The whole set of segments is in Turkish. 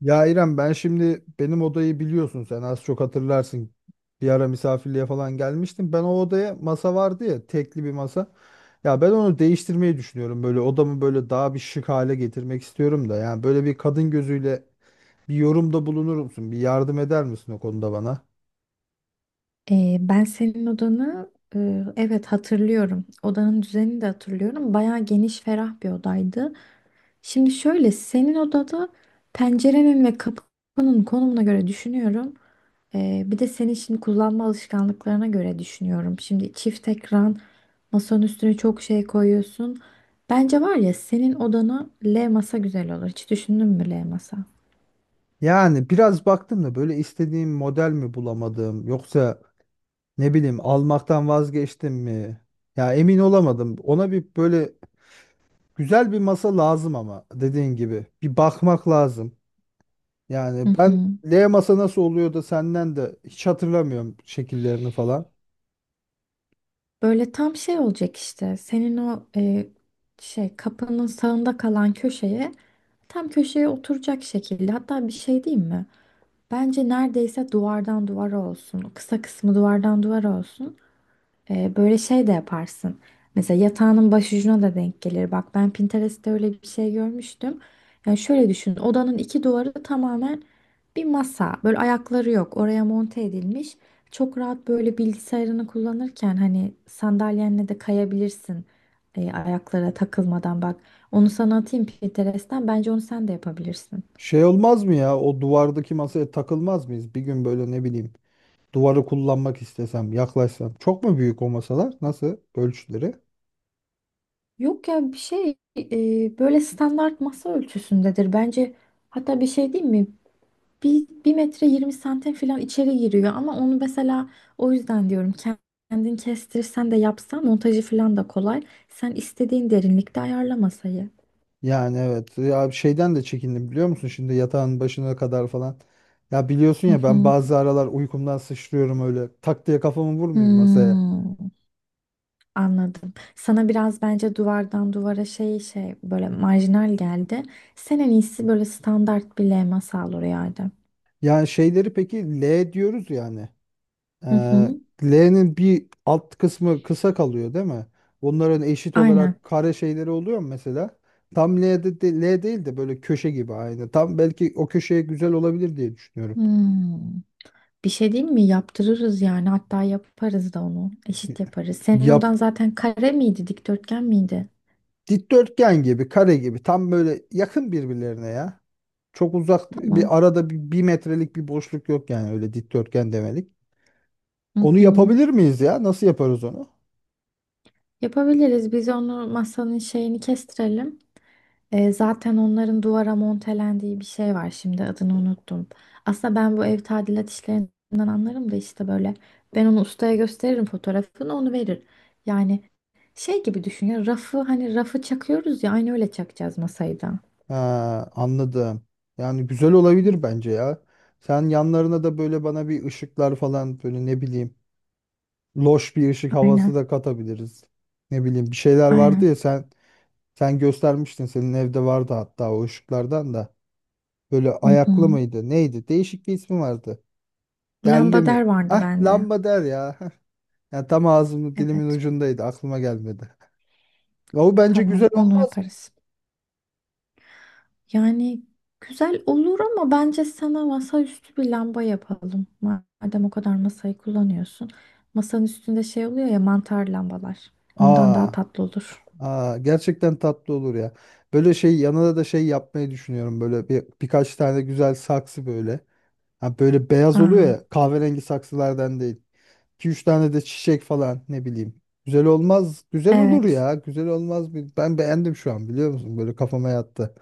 Ya İrem, ben şimdi benim odayı biliyorsun, sen az çok hatırlarsın. Bir ara misafirliğe falan gelmiştim. Ben o odaya masa vardı ya, tekli bir masa. Ya ben onu değiştirmeyi düşünüyorum. Böyle odamı böyle daha bir şık hale getirmek istiyorum da. Yani böyle bir kadın gözüyle bir yorumda bulunur musun? Bir yardım eder misin o konuda bana? Ben senin odanı evet hatırlıyorum. Odanın düzenini de hatırlıyorum. Bayağı geniş, ferah bir odaydı. Şimdi şöyle senin odada pencerenin ve kapının konumuna göre düşünüyorum. Bir de senin şimdi kullanma alışkanlıklarına göre düşünüyorum. Şimdi çift ekran, masanın üstüne çok şey koyuyorsun. Bence var ya senin odana L masa güzel olur. Hiç düşündün mü L masa? Yani biraz baktım da böyle istediğim model mi bulamadım yoksa ne bileyim almaktan vazgeçtim mi? Ya emin olamadım. Ona bir böyle güzel bir masa lazım ama dediğin gibi bir bakmak lazım. Hı Yani ben hı. L masa nasıl oluyor da senden de hiç hatırlamıyorum şekillerini falan. Böyle tam şey olacak işte. Senin o şey kapının sağında kalan köşeye tam köşeye oturacak şekilde. Hatta bir şey diyeyim mi? Bence neredeyse duvardan duvara olsun. Kısa kısmı duvardan duvara olsun. Böyle şey de yaparsın. Mesela yatağının başucuna da denk gelir. Bak ben Pinterest'te öyle bir şey görmüştüm. Yani şöyle düşün. Odanın iki duvarı tamamen bir masa. Böyle ayakları yok. Oraya monte edilmiş. Çok rahat böyle bilgisayarını kullanırken hani sandalyenle de kayabilirsin. Ayaklara takılmadan bak. Onu sana atayım Pinterest'ten. Bence onu sen de yapabilirsin. Şey olmaz mı ya, o duvardaki masaya takılmaz mıyız? Bir gün böyle ne bileyim duvarı kullanmak istesem, yaklaşsam. Çok mu büyük o masalar? Nasıl ölçüleri? Yok ya bir şey böyle standart masa ölçüsündedir. Bence hatta bir şey değil mi? Bir metre 20 santim falan içeri giriyor ama onu mesela o yüzden diyorum kendin kestirirsen de yapsan montajı falan da kolay. Sen istediğin derinlikte ayarla masayı. Yani evet. Ya şeyden de çekindim biliyor musun? Şimdi yatağın başına kadar falan. Ya biliyorsun Hı ya, ben hı. bazı aralar uykumdan sıçrıyorum öyle. Tak diye kafamı vurmayayım masaya. Hmm, Anladım. Sana biraz bence duvardan duvara şey böyle marjinal geldi. Sen en iyisi böyle standart bir levha sal oraya Adem. Yani şeyleri peki L diyoruz yani. Hı Ee, hı. L'nin bir alt kısmı kısa kalıyor değil mi? Bunların eşit Aynen. olarak kare şeyleri oluyor mu mesela? Tam L'de de, L değil de böyle köşe gibi aynı. Tam belki o köşeye güzel olabilir diye düşünüyorum. Hmm. Bir şey değil mi? Yaptırırız yani. Hatta yaparız da onu. Eşit yaparız. Senin Yap, odan zaten kare miydi, dikdörtgen miydi? dikdörtgen gibi, kare gibi. Tam böyle yakın birbirlerine ya. Çok uzak Tamam. bir arada bir metrelik bir boşluk yok yani, öyle dikdörtgen demelik. Hı Onu hı. yapabilir miyiz ya? Nasıl yaparız onu? Yapabiliriz. Biz onu masanın şeyini kestirelim. Zaten onların duvara montelendiği bir şey var şimdi. Adını unuttum. Aslında ben bu ev tadilat işlerinden anlarım da işte böyle. Ben onu ustaya gösteririm fotoğrafını onu verir. Yani şey gibi düşün ya rafı hani rafı çakıyoruz ya aynı öyle çakacağız masayı da. Ha, anladım. Yani güzel Hı. olabilir bence ya. Sen yanlarına da böyle bana bir ışıklar falan, böyle ne bileyim loş bir ışık havası Aynen. da katabiliriz. Ne bileyim bir şeyler vardı ya, Aynen. sen göstermiştin, senin evde vardı hatta o ışıklardan da. Böyle Hı ayaklı hı. mıydı? Neydi? Değişik bir ismi vardı. Derli mi? Lambader vardı Ah, bende. lambader ya. Ya tam ağzımın, dilimin Evet. ucundaydı. Aklıma gelmedi. Ya o bence Tamam, güzel onu olmaz mı? yaparız. Yani güzel olur ama bence sana masaüstü bir lamba yapalım. Madem o kadar masayı kullanıyorsun. Masanın üstünde şey oluyor ya mantar lambalar. Ondan Aa, daha tatlı olur. Gerçekten tatlı olur ya. Böyle şey yanına da şey yapmayı düşünüyorum. Böyle birkaç tane güzel saksı böyle. Ha, böyle beyaz oluyor Aa, ya, kahverengi saksılardan değil. iki üç tane de çiçek falan, ne bileyim. Güzel olmaz. Güzel olur evet. ya. Güzel olmaz mı? Ben beğendim şu an, biliyor musun? Böyle kafama yattı.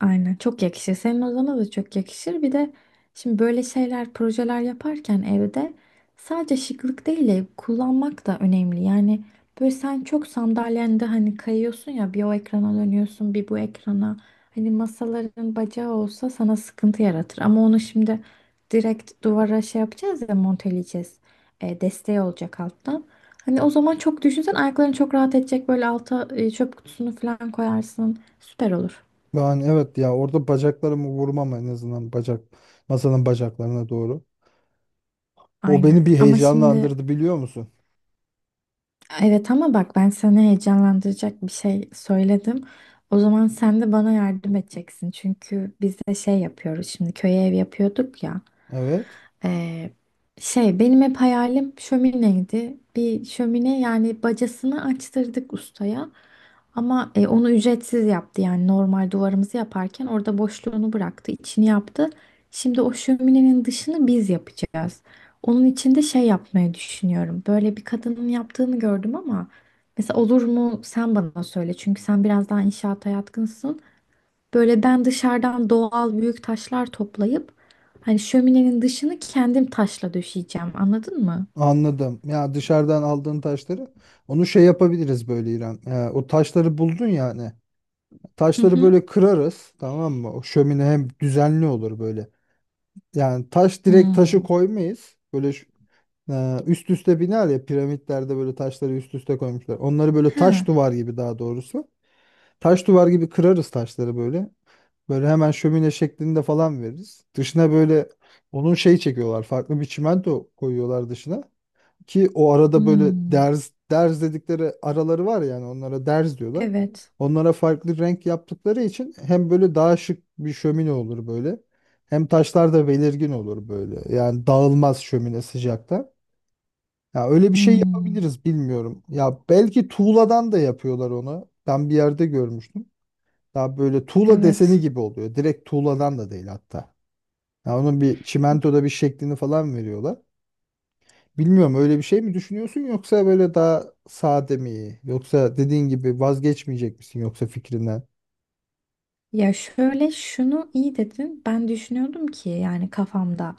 Aynen çok yakışır. Senin odana da çok yakışır. Bir de şimdi böyle şeyler, projeler yaparken evde sadece şıklık değil de kullanmak da önemli. Yani böyle sen çok sandalyende hani kayıyorsun ya bir o ekrana dönüyorsun bir bu ekrana. Hani masaların bacağı olsa sana sıkıntı yaratır. Ama onu şimdi direkt duvara şey yapacağız ya monteleyeceğiz. Desteği olacak alttan. Hani o zaman çok düşünsen ayakların çok rahat edecek böyle alta çöp kutusunu falan koyarsın. Süper olur. Ben evet ya, orada bacaklarımı vurmam en azından, bacak masanın bacaklarına doğru. O Aynen. beni bir Ama şimdi heyecanlandırdı, biliyor musun? evet, ama bak ben sana heyecanlandıracak bir şey söyledim. O zaman sen de bana yardım edeceksin. Çünkü biz de şey yapıyoruz. Şimdi köye ev yapıyorduk ya. Evet, Ee, Şey benim hep hayalim şömineydi. Bir şömine yani bacasını açtırdık ustaya. Ama onu ücretsiz yaptı yani normal duvarımızı yaparken orada boşluğunu bıraktı, içini yaptı. Şimdi o şöminenin dışını biz yapacağız. Onun için de şey yapmayı düşünüyorum. Böyle bir kadının yaptığını gördüm ama mesela olur mu sen bana söyle. Çünkü sen biraz daha inşaata yatkınsın. Böyle ben dışarıdan doğal büyük taşlar toplayıp hani şöminenin dışını kendim taşla döşeyeceğim. Anladın mı? anladım. Ya dışarıdan aldığın taşları onu şey yapabiliriz böyle İrem. O taşları buldun yani. Hı Taşları hı. böyle kırarız, tamam mı? O şömine hem düzenli olur böyle. Yani taş, direkt taşı Hmm. koymayız. Böyle üst üste biner ya, piramitlerde böyle taşları üst üste koymuşlar. Onları böyle taş Ha. duvar gibi, daha doğrusu taş duvar gibi kırarız taşları böyle. Böyle hemen şömine şeklinde falan veririz. Dışına böyle onun şey çekiyorlar. Farklı bir çimento koyuyorlar dışına. Ki o arada böyle Hmm. derz dedikleri araları var, yani onlara derz diyorlar. Evet. Onlara farklı renk yaptıkları için hem böyle daha şık bir şömine olur böyle. Hem taşlar da belirgin olur böyle. Yani dağılmaz şömine sıcakta. Ya öyle bir şey Hmm. yapabiliriz, bilmiyorum. Ya belki tuğladan da yapıyorlar onu. Ben bir yerde görmüştüm. Daha böyle tuğla deseni Evet. gibi oluyor. Direkt tuğladan da değil hatta. Ya onun bir çimentoda bir şeklini falan veriyorlar. Bilmiyorum, öyle bir şey mi düşünüyorsun, yoksa böyle daha sade mi, yoksa dediğin gibi vazgeçmeyecek misin yoksa fikrinden? Ya şöyle şunu iyi dedin. Ben düşünüyordum ki yani kafamda.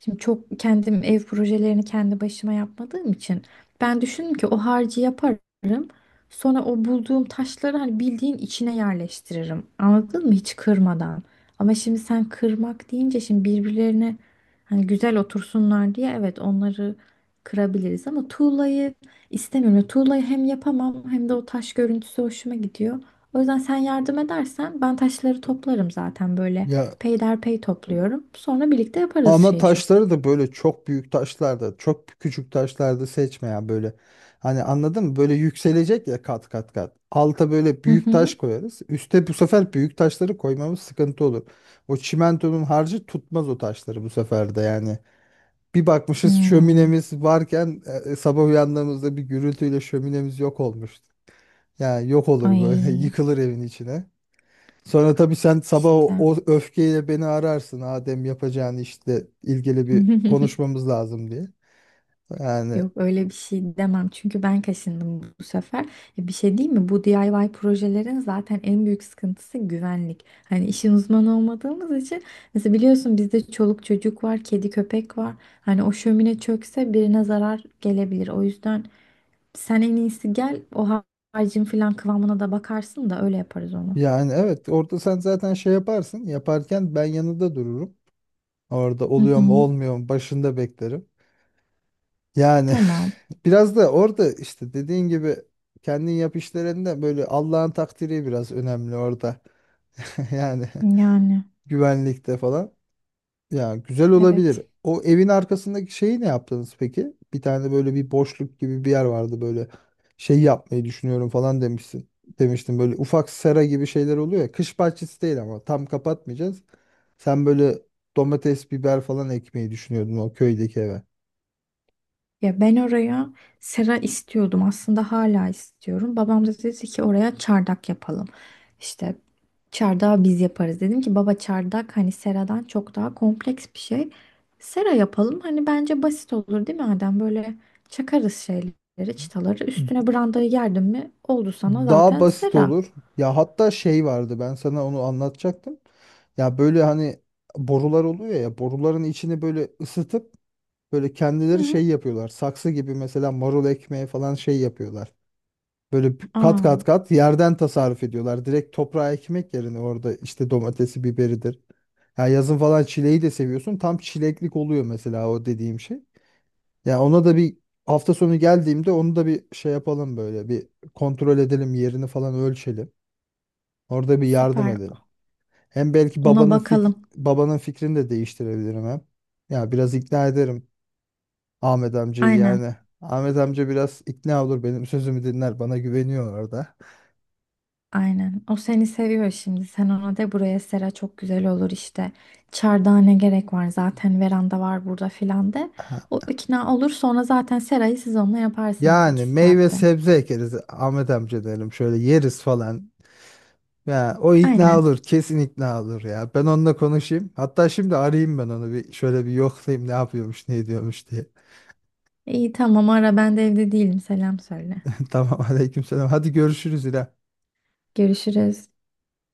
Şimdi çok kendim ev projelerini kendi başıma yapmadığım için ben düşündüm ki o harcı yaparım. Sonra o bulduğum taşları hani bildiğin içine yerleştiririm. Anladın mı? Hiç kırmadan. Ama şimdi sen kırmak deyince şimdi birbirlerine hani güzel otursunlar diye evet onları kırabiliriz ama tuğlayı istemiyorum. Tuğlayı hem yapamam hem de o taş görüntüsü hoşuma gidiyor. O yüzden sen yardım edersen ben taşları toplarım zaten böyle Ya peyderpey topluyorum. Sonra birlikte yaparız ama şeyi şömineyi. taşları da böyle çok büyük taşlarda, çok küçük taşlarda seçme ya böyle. Hani anladın mı? Böyle yükselecek ya, kat kat kat. Alta böyle Hı büyük taş hı. koyarız. Üste bu sefer büyük taşları koymamız sıkıntı olur. O çimentonun harcı tutmaz o taşları bu sefer de yani. Bir bakmışız Hmm. şöminemiz varken, sabah uyandığımızda bir gürültüyle şöminemiz yok olmuştu. Yani yok olur böyle, Ay yıkılır evin içine. Sonra tabii sen sabah o, işte. o öfkeyle beni ararsın, Adem yapacağını işte, ilgili bir konuşmamız lazım diye. Yani Yok öyle bir şey demem çünkü ben kaşındım bu sefer. Bir şey değil mi? Bu DIY projelerin zaten en büyük sıkıntısı güvenlik. Hani işin uzmanı olmadığımız için mesela biliyorsun bizde çoluk çocuk var, kedi köpek var. Hani o şömine çökse birine zarar gelebilir. O yüzden sen en iyisi gel o harcın filan kıvamına da bakarsın da öyle yaparız onu. yani evet, orada sen zaten şey yaparsın, yaparken ben yanında dururum. Orada Hı oluyor mu hı. olmuyor mu, başında beklerim. Yani Tamam. biraz da orada işte dediğin gibi, kendin yap işlerinde böyle Allah'ın takdiri biraz önemli orada. Yani Yani güvenlikte falan. Ya güzel evet. olabilir. O evin arkasındaki şeyi ne yaptınız peki? Bir tane böyle bir boşluk gibi bir yer vardı böyle, şey yapmayı düşünüyorum falan demişsin. Demiştim böyle ufak sera gibi şeyler oluyor ya. Kış bahçesi değil ama tam kapatmayacağız. Sen böyle domates, biber falan ekmeyi düşünüyordun o köydeki eve. Ya ben oraya sera istiyordum. Aslında hala istiyorum. Babam da dedi ki oraya çardak yapalım. İşte çardağı biz yaparız. Dedim ki baba çardak hani seradan çok daha kompleks bir şey. Sera yapalım. Hani bence basit olur değil mi Adem? Böyle çakarız şeyleri, çıtaları. Üstüne brandayı gerdin mi oldu sana Daha zaten basit sera. olur. Ya hatta şey vardı, ben sana onu anlatacaktım. Ya böyle hani borular oluyor ya, boruların içini böyle ısıtıp böyle kendileri Hı. şey yapıyorlar. Saksı gibi mesela, marul ekmeği falan şey yapıyorlar. Böyle kat Aa. kat kat yerden tasarruf ediyorlar. Direkt toprağa ekmek yerine orada işte domatesi, biberidir. Ya yazın falan çileği de seviyorsun. Tam çileklik oluyor mesela o dediğim şey. Ya ona da bir hafta sonu geldiğimde onu da bir şey yapalım böyle. Bir kontrol edelim, yerini falan ölçelim. Orada bir yardım Süper. edelim. Hem belki Ona bakalım. babanın fikrini de değiştirebilirim hem. Ya biraz ikna ederim Ahmet amcayı Aynen. yani. Ahmet amca biraz ikna olur, benim sözümü dinler, bana güveniyor orada. Aynen. O seni seviyor şimdi. Sen ona de buraya sera çok güzel olur işte. Çardağa ne gerek var zaten veranda var burada filan de. Ha, O ikna olur sonra zaten serayı siz onunla yaparsınız iki yani meyve saatte. sebze ekeriz Ahmet amca derim, şöyle yeriz falan. Ya o ikna Aynen. olur, kesin ikna olur ya. Ben onunla konuşayım. Hatta şimdi arayayım ben onu, bir şöyle bir yoklayayım ne yapıyormuş, ne ediyormuş diye. İyi tamam ara ben de evde değilim selam söyle. Tamam, aleykümselam. Hadi görüşürüz İrem. Görüşürüz.